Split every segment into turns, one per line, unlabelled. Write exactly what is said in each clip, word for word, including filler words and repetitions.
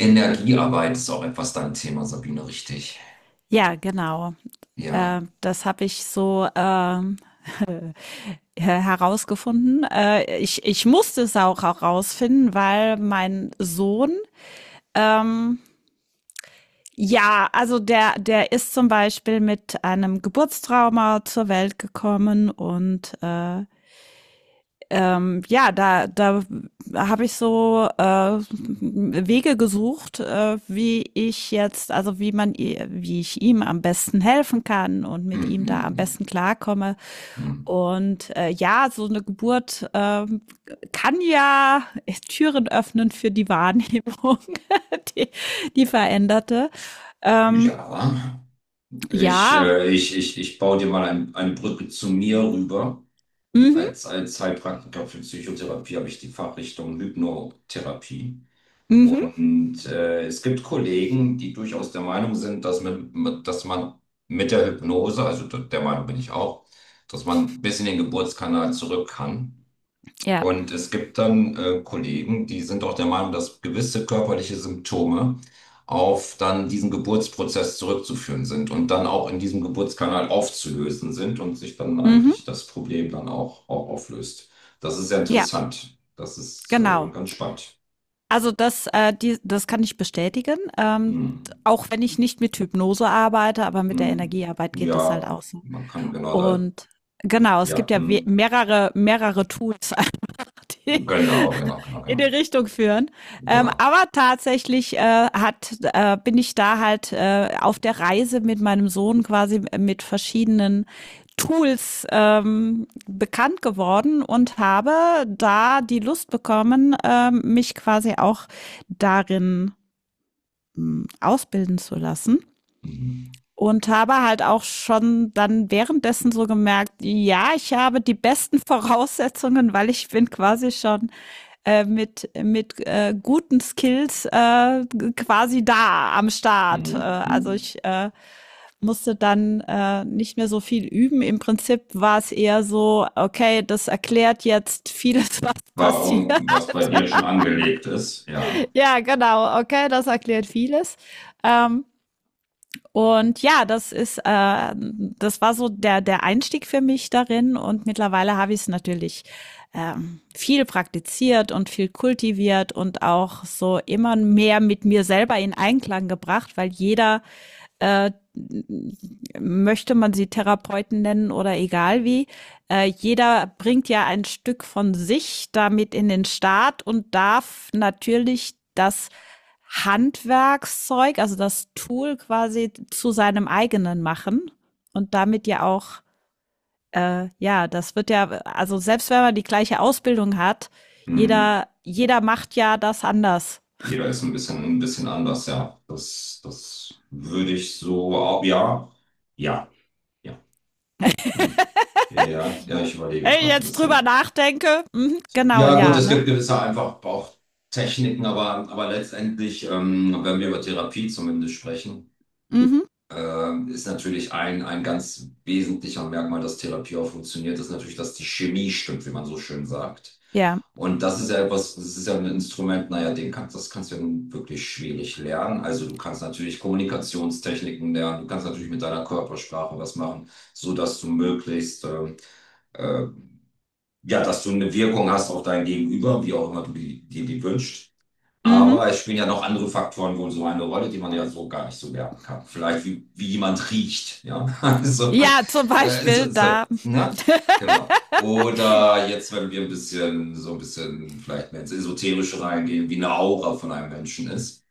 Energiearbeit ist auch etwas dein Thema, Sabine, richtig?
Ja, genau.
Ja.
Äh, das habe ich so ähm, her- herausgefunden. Äh, ich, ich musste es auch herausfinden, weil mein Sohn, ähm, ja, also der, der ist zum Beispiel mit einem Geburtstrauma zur Welt gekommen und äh, ähm, ja, da, da habe ich so äh, Wege gesucht, äh, wie ich jetzt, also wie man, wie ich ihm am besten helfen kann und mit
Hm,
ihm da am
hm,
besten klarkomme.
hm,
Und äh, ja, so eine Geburt ähm, kann ja Türen öffnen für die Wahrnehmung, die, die veränderte.
hm.
Ähm,
Ja. Ich,
ja,
äh, ich, ich, ich baue dir mal ein, eine Brücke zu mir rüber.
mhm,
Als, als Heilpraktiker für Psychotherapie habe ich die Fachrichtung Hypnotherapie.
mhm,
Und äh, es gibt Kollegen, die durchaus der Meinung sind, dass, mit, mit, dass man mit der Hypnose, also d- der Meinung bin ich auch, dass man bis in den Geburtskanal zurück kann.
ja,
Und es gibt dann äh, Kollegen, die sind auch der Meinung, dass gewisse körperliche Symptome auf dann diesen Geburtsprozess zurückzuführen sind und dann auch in diesem Geburtskanal aufzulösen sind und sich dann
mhm,
eigentlich das Problem dann auch, auch auflöst. Das ist sehr
ja,
interessant. Das ist äh,
genau.
ganz spannend.
Also das, äh, die, das kann ich bestätigen. Ähm,
Hm.
auch wenn ich nicht mit Hypnose arbeite, aber mit der
Hm.
Energiearbeit geht das halt
Ja,
auch so.
man kann genau da,
Und genau, es
ja,
gibt ja we-
hm.
mehrere, mehrere Tools, die
Genau, genau, genau,
in
genau.
die Richtung führen. Ähm,
Genau.
aber tatsächlich äh, hat, äh, bin ich da halt äh, auf der Reise mit meinem Sohn quasi äh, mit verschiedenen Tools ähm, bekannt geworden und habe da die Lust bekommen, ähm, mich quasi auch darin mh, ausbilden zu lassen.
Mhm.
Und habe halt auch schon dann währenddessen so gemerkt, ja, ich habe die besten Voraussetzungen, weil ich bin quasi schon äh, mit, mit äh, guten Skills äh, quasi da am Start. Äh,
Mhm.
also
Mhm.
ich äh, musste dann äh, nicht mehr so viel üben. Im Prinzip war es eher so, okay, das erklärt jetzt vieles, was passiert.
Warum, was bei dir schon angelegt ist, ja.
Ja, genau, okay, das erklärt vieles. Ähm, Und ja, das ist, äh, das war so der, der Einstieg für mich darin. Und mittlerweile habe ich es natürlich ähm, viel praktiziert und viel kultiviert und auch so immer mehr mit mir selber in Einklang gebracht, weil jeder äh, möchte man sie Therapeuten nennen oder egal wie, äh, jeder bringt ja ein Stück von sich damit in den Staat und darf natürlich das Handwerkszeug, also das Tool quasi zu seinem eigenen machen und damit ja auch, äh, ja, das wird ja, also selbst wenn man die gleiche Ausbildung hat,
Mhm.
jeder, jeder macht ja das anders.
Jeder ist ein bisschen, ein bisschen anders, ja. Das, das würde ich so, auch, ja, ja, ja. Hm. Ja, ja, ja, ich überlege
Wenn ich
gerade ein
jetzt drüber
bisschen.
nachdenke, mhm, genau,
Ja, gut,
ja,
es
ne?
gibt gewisse einfach auch Techniken, aber, aber letztendlich, ähm, wenn wir über Therapie zumindest sprechen,
Mhm,
ähm, ist natürlich ein, ein ganz wesentlicher Merkmal, dass Therapie auch funktioniert, ist natürlich, dass die Chemie stimmt, wie man so schön sagt.
ja.
Und das ist ja etwas, das ist ja ein Instrument, naja, den kannst, das kannst du ja nun wirklich schwierig lernen. Also du kannst natürlich Kommunikationstechniken lernen, du kannst natürlich mit deiner Körpersprache was machen, so dass du möglichst, ähm, äh, ja, dass du eine Wirkung hast auf dein Gegenüber, wie auch immer du die- dir die wünscht.
Mhm.
Aber es spielen ja noch andere Faktoren wohl so eine Rolle, die man ja so gar nicht so werten kann. Vielleicht wie, wie jemand riecht, ja. Also,
Ja, zum
äh,
Beispiel
so, so,
da,
ne? Genau. Oder jetzt, wenn wir ein bisschen, so ein bisschen vielleicht mehr ins Esoterische reingehen, wie eine Aura von einem Menschen ist.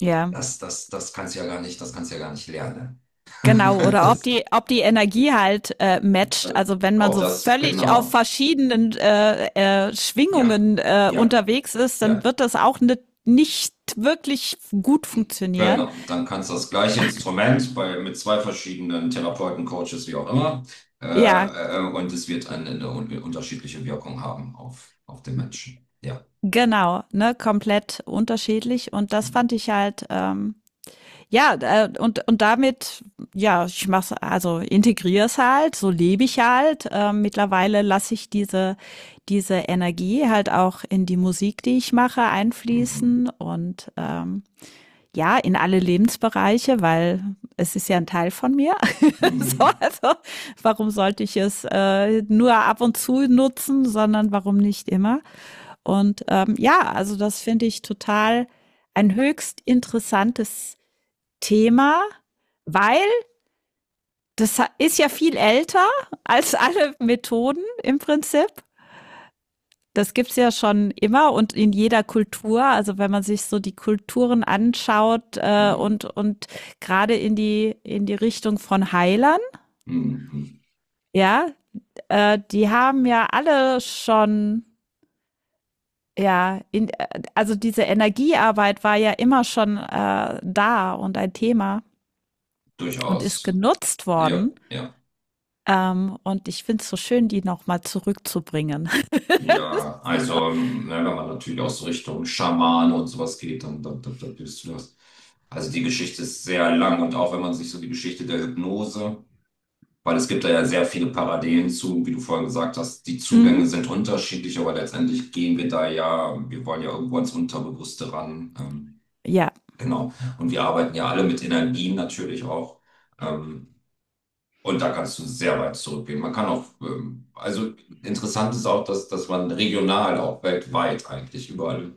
ja,
Das, das, das kannst du ja gar nicht, das kannst du ja gar nicht lernen.
genau. Oder ob
Das,
die, ob die Energie halt äh, matcht.
äh,
Also wenn man
ob
so
das,
völlig auf
genau.
verschiedenen äh, äh,
Ja,
Schwingungen äh,
ja,
unterwegs ist, dann
ja.
wird das auch ne, nicht wirklich gut funktionieren.
Genau, dann kannst du das gleiche Instrument bei, mit zwei verschiedenen Therapeuten, Coaches, wie auch immer,
Ja,
äh, äh, und es wird eine, eine un unterschiedliche Wirkung haben auf, auf den Menschen. Ja.
genau, ne, komplett unterschiedlich. Und das fand
Mhm.
ich halt ähm, Ja, äh, und, und damit, ja, ich mach's, also integriere es halt, so lebe ich halt. Ähm, mittlerweile lasse ich diese, diese Energie halt auch in die Musik, die ich mache,
Mhm.
einfließen und ähm, ja, in alle Lebensbereiche, weil es ist ja ein Teil von mir. So,
Mhm.
also warum sollte ich es äh, nur ab und zu nutzen, sondern warum nicht immer? Und ähm, ja, also das finde ich total ein höchst interessantes Thema, weil das ist ja viel älter als alle Methoden im Prinzip. Das gibt's ja schon immer und in jeder Kultur. Also wenn man sich so die Kulturen anschaut äh, und, und gerade in die, in die Richtung von Heilern,
Mhm. Mhm.
ja, äh, die haben ja alle schon, ja, in, äh, also diese Energiearbeit war ja immer schon äh, da und ein Thema und ist
Durchaus.
genutzt
Ja,
worden.
ja,
Ähm, und ich finde es so schön, die nochmal zurückzubringen.
ja.
So.
Also, ne, wenn man natürlich aus so Richtung Schamane und sowas geht, dann, dann, dann, dann bist du das. Also, die Geschichte ist sehr lang und auch wenn man sich so die Geschichte der Hypnose. Weil es gibt da ja sehr viele Parallelen zu, wie du vorhin gesagt hast. Die
Mhm.
Zugänge sind unterschiedlich, aber letztendlich gehen wir da ja, wir wollen ja irgendwo ans Unterbewusste ran. Ähm,
Ja.
genau. Und wir arbeiten ja alle mit Energien natürlich auch. Ähm, und da kannst du sehr weit zurückgehen. Man kann auch, ähm, also interessant ist auch, dass, dass man regional auch weltweit eigentlich überall,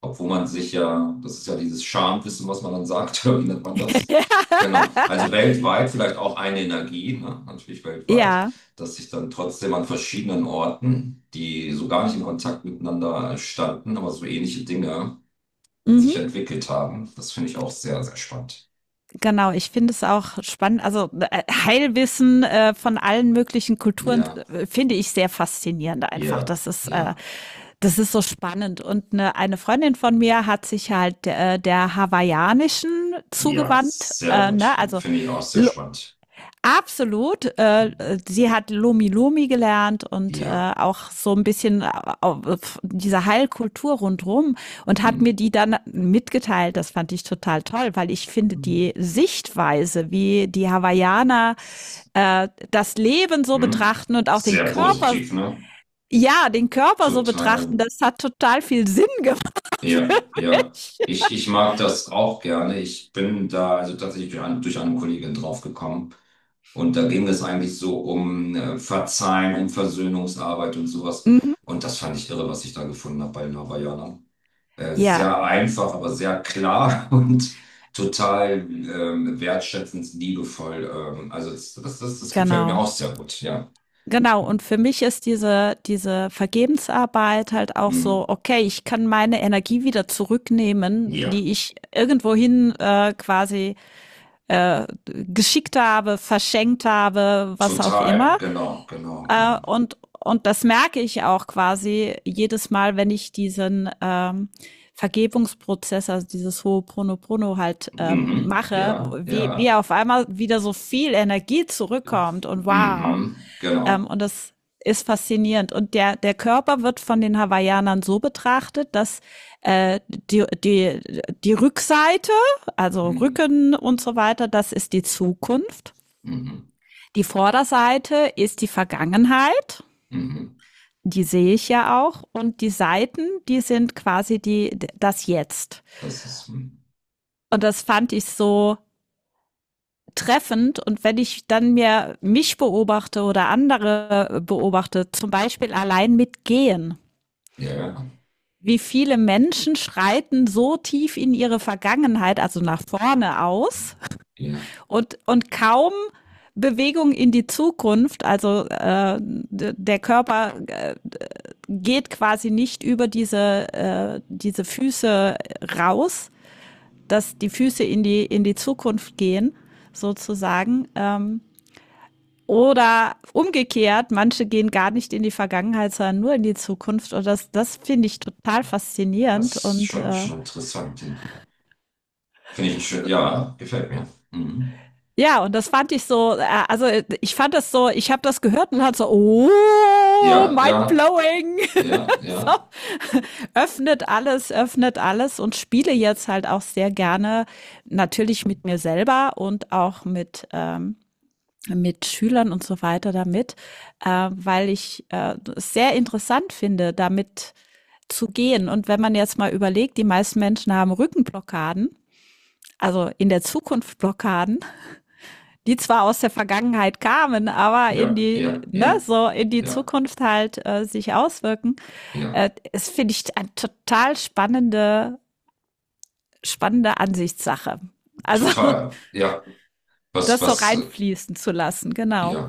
obwohl man sich ja, das ist ja dieses Schamwissen, was man dann sagt, wie nennt man das? Genau. Also weltweit vielleicht auch eine Energie, ne? Natürlich weltweit,
Ja.
dass sich dann trotzdem an verschiedenen Orten, die so gar nicht in Kontakt miteinander standen, aber so ähnliche Dinge sich
Mhm,
entwickelt haben. Das finde ich auch sehr, sehr spannend.
genau, ich finde es auch spannend. Also äh, Heilwissen äh, von allen möglichen Kulturen
Ja,
äh, finde ich sehr faszinierend einfach.
ja,
Das ist, äh,
ja,
das ist so spannend. Und eine, eine Freundin von mir hat sich halt äh, der hawaiianischen
ja,
zugewandt,
sehr
äh, ne?
gut.
Also
Finde ich auch sehr
L
spannend.
absolut. Äh,
Mhm.
sie hat Lomi Lomi gelernt und äh,
Ja.
auch so ein bisschen diese Heilkultur rundherum und hat mir
Mhm.
die dann mitgeteilt. Das fand ich total toll, weil ich finde die Sichtweise, wie die Hawaiianer äh, das Leben so
Mhm.
betrachten und auch den
Sehr
Körper,
positiv, ne?
ja, den Körper so
Total.
betrachten, das hat total viel Sinn gemacht.
Ja, ja. Ich, ich mag das auch gerne. Ich bin da also tatsächlich durch, ein, durch eine Kollegin draufgekommen. Und da ging es eigentlich so um äh, Verzeihen, um Versöhnungsarbeit und sowas. Und das fand ich irre, was ich da gefunden habe bei den Hawaiianern. Äh,
Ja,
sehr einfach, aber sehr klar und total ähm, wertschätzend, liebevoll. Ähm, also das, das, das, das gefällt mir
genau.
auch sehr gut, ja.
Genau, und für mich ist diese, diese Vergebensarbeit halt auch so,
Mhm.
okay, ich kann meine Energie wieder zurücknehmen,
Ja,
die ich irgendwohin äh, quasi äh, geschickt habe, verschenkt habe, was auch
total.
immer.
Genau, genau,
Äh,
genau.
und, und das merke ich auch quasi jedes Mal, wenn ich diesen ähm, Vergebungsprozess, also dieses Ho'oponopono halt ähm,
Mhm.
mache,
Ja,
wie, wie
ja.
auf einmal wieder so viel Energie zurückkommt und wow.
Mhm,
Ähm,
genau.
und das ist faszinierend. Und der, der Körper wird von den Hawaiianern so betrachtet, dass äh, die, die, die Rückseite, also
Mhm,
Rücken und so weiter, das ist die Zukunft.
mhm,
Die Vorderseite ist die Vergangenheit,
mhm.
die sehe ich ja auch. Und die Seiten, die sind quasi die, das Jetzt.
Das ist, hm,
Und das fand ich so treffend. Und wenn ich dann mir mich beobachte oder andere äh, beobachte, zum Beispiel allein mit Gehen,
ja, ja,
wie viele Menschen schreiten so tief in ihre Vergangenheit, also nach vorne aus
ja.
und, und kaum Bewegung in die Zukunft. Also äh, der Körper äh, geht quasi nicht über diese, äh, diese Füße raus, dass die Füße in die, in die Zukunft gehen, sozusagen. Ähm, oder umgekehrt, manche gehen gar nicht in die Vergangenheit, sondern nur in die Zukunft. Und das, das finde ich total
Das
faszinierend.
ist
Und
schon,
äh,
schon interessant. Ja. Finde ich schön, ja, gefällt mir. Mhm.
ja, und das fand ich so, äh, also ich fand das so, ich habe das gehört und hat so, oh,
Ja,
mind
ja,
blowing.
ja, ja,
Laptop, öffnet alles, öffnet alles und spiele jetzt halt auch sehr gerne natürlich mit mir selber und auch mit ähm, mit Schülern und so weiter damit, äh, weil ich äh, es sehr interessant finde, damit zu gehen. Und wenn man jetzt mal überlegt, die meisten Menschen haben Rückenblockaden, also in der Zukunft Blockaden, die zwar aus der Vergangenheit kamen, aber in
ja,
die,
ja,
ne,
ja,
so in die
ja,
Zukunft halt äh, sich auswirken.
ja,
Äh, es finde ich eine total spannende, spannende Ansichtssache. Also
total. Ja, was,
das so
was, äh,
reinfließen zu lassen, genau.
ja.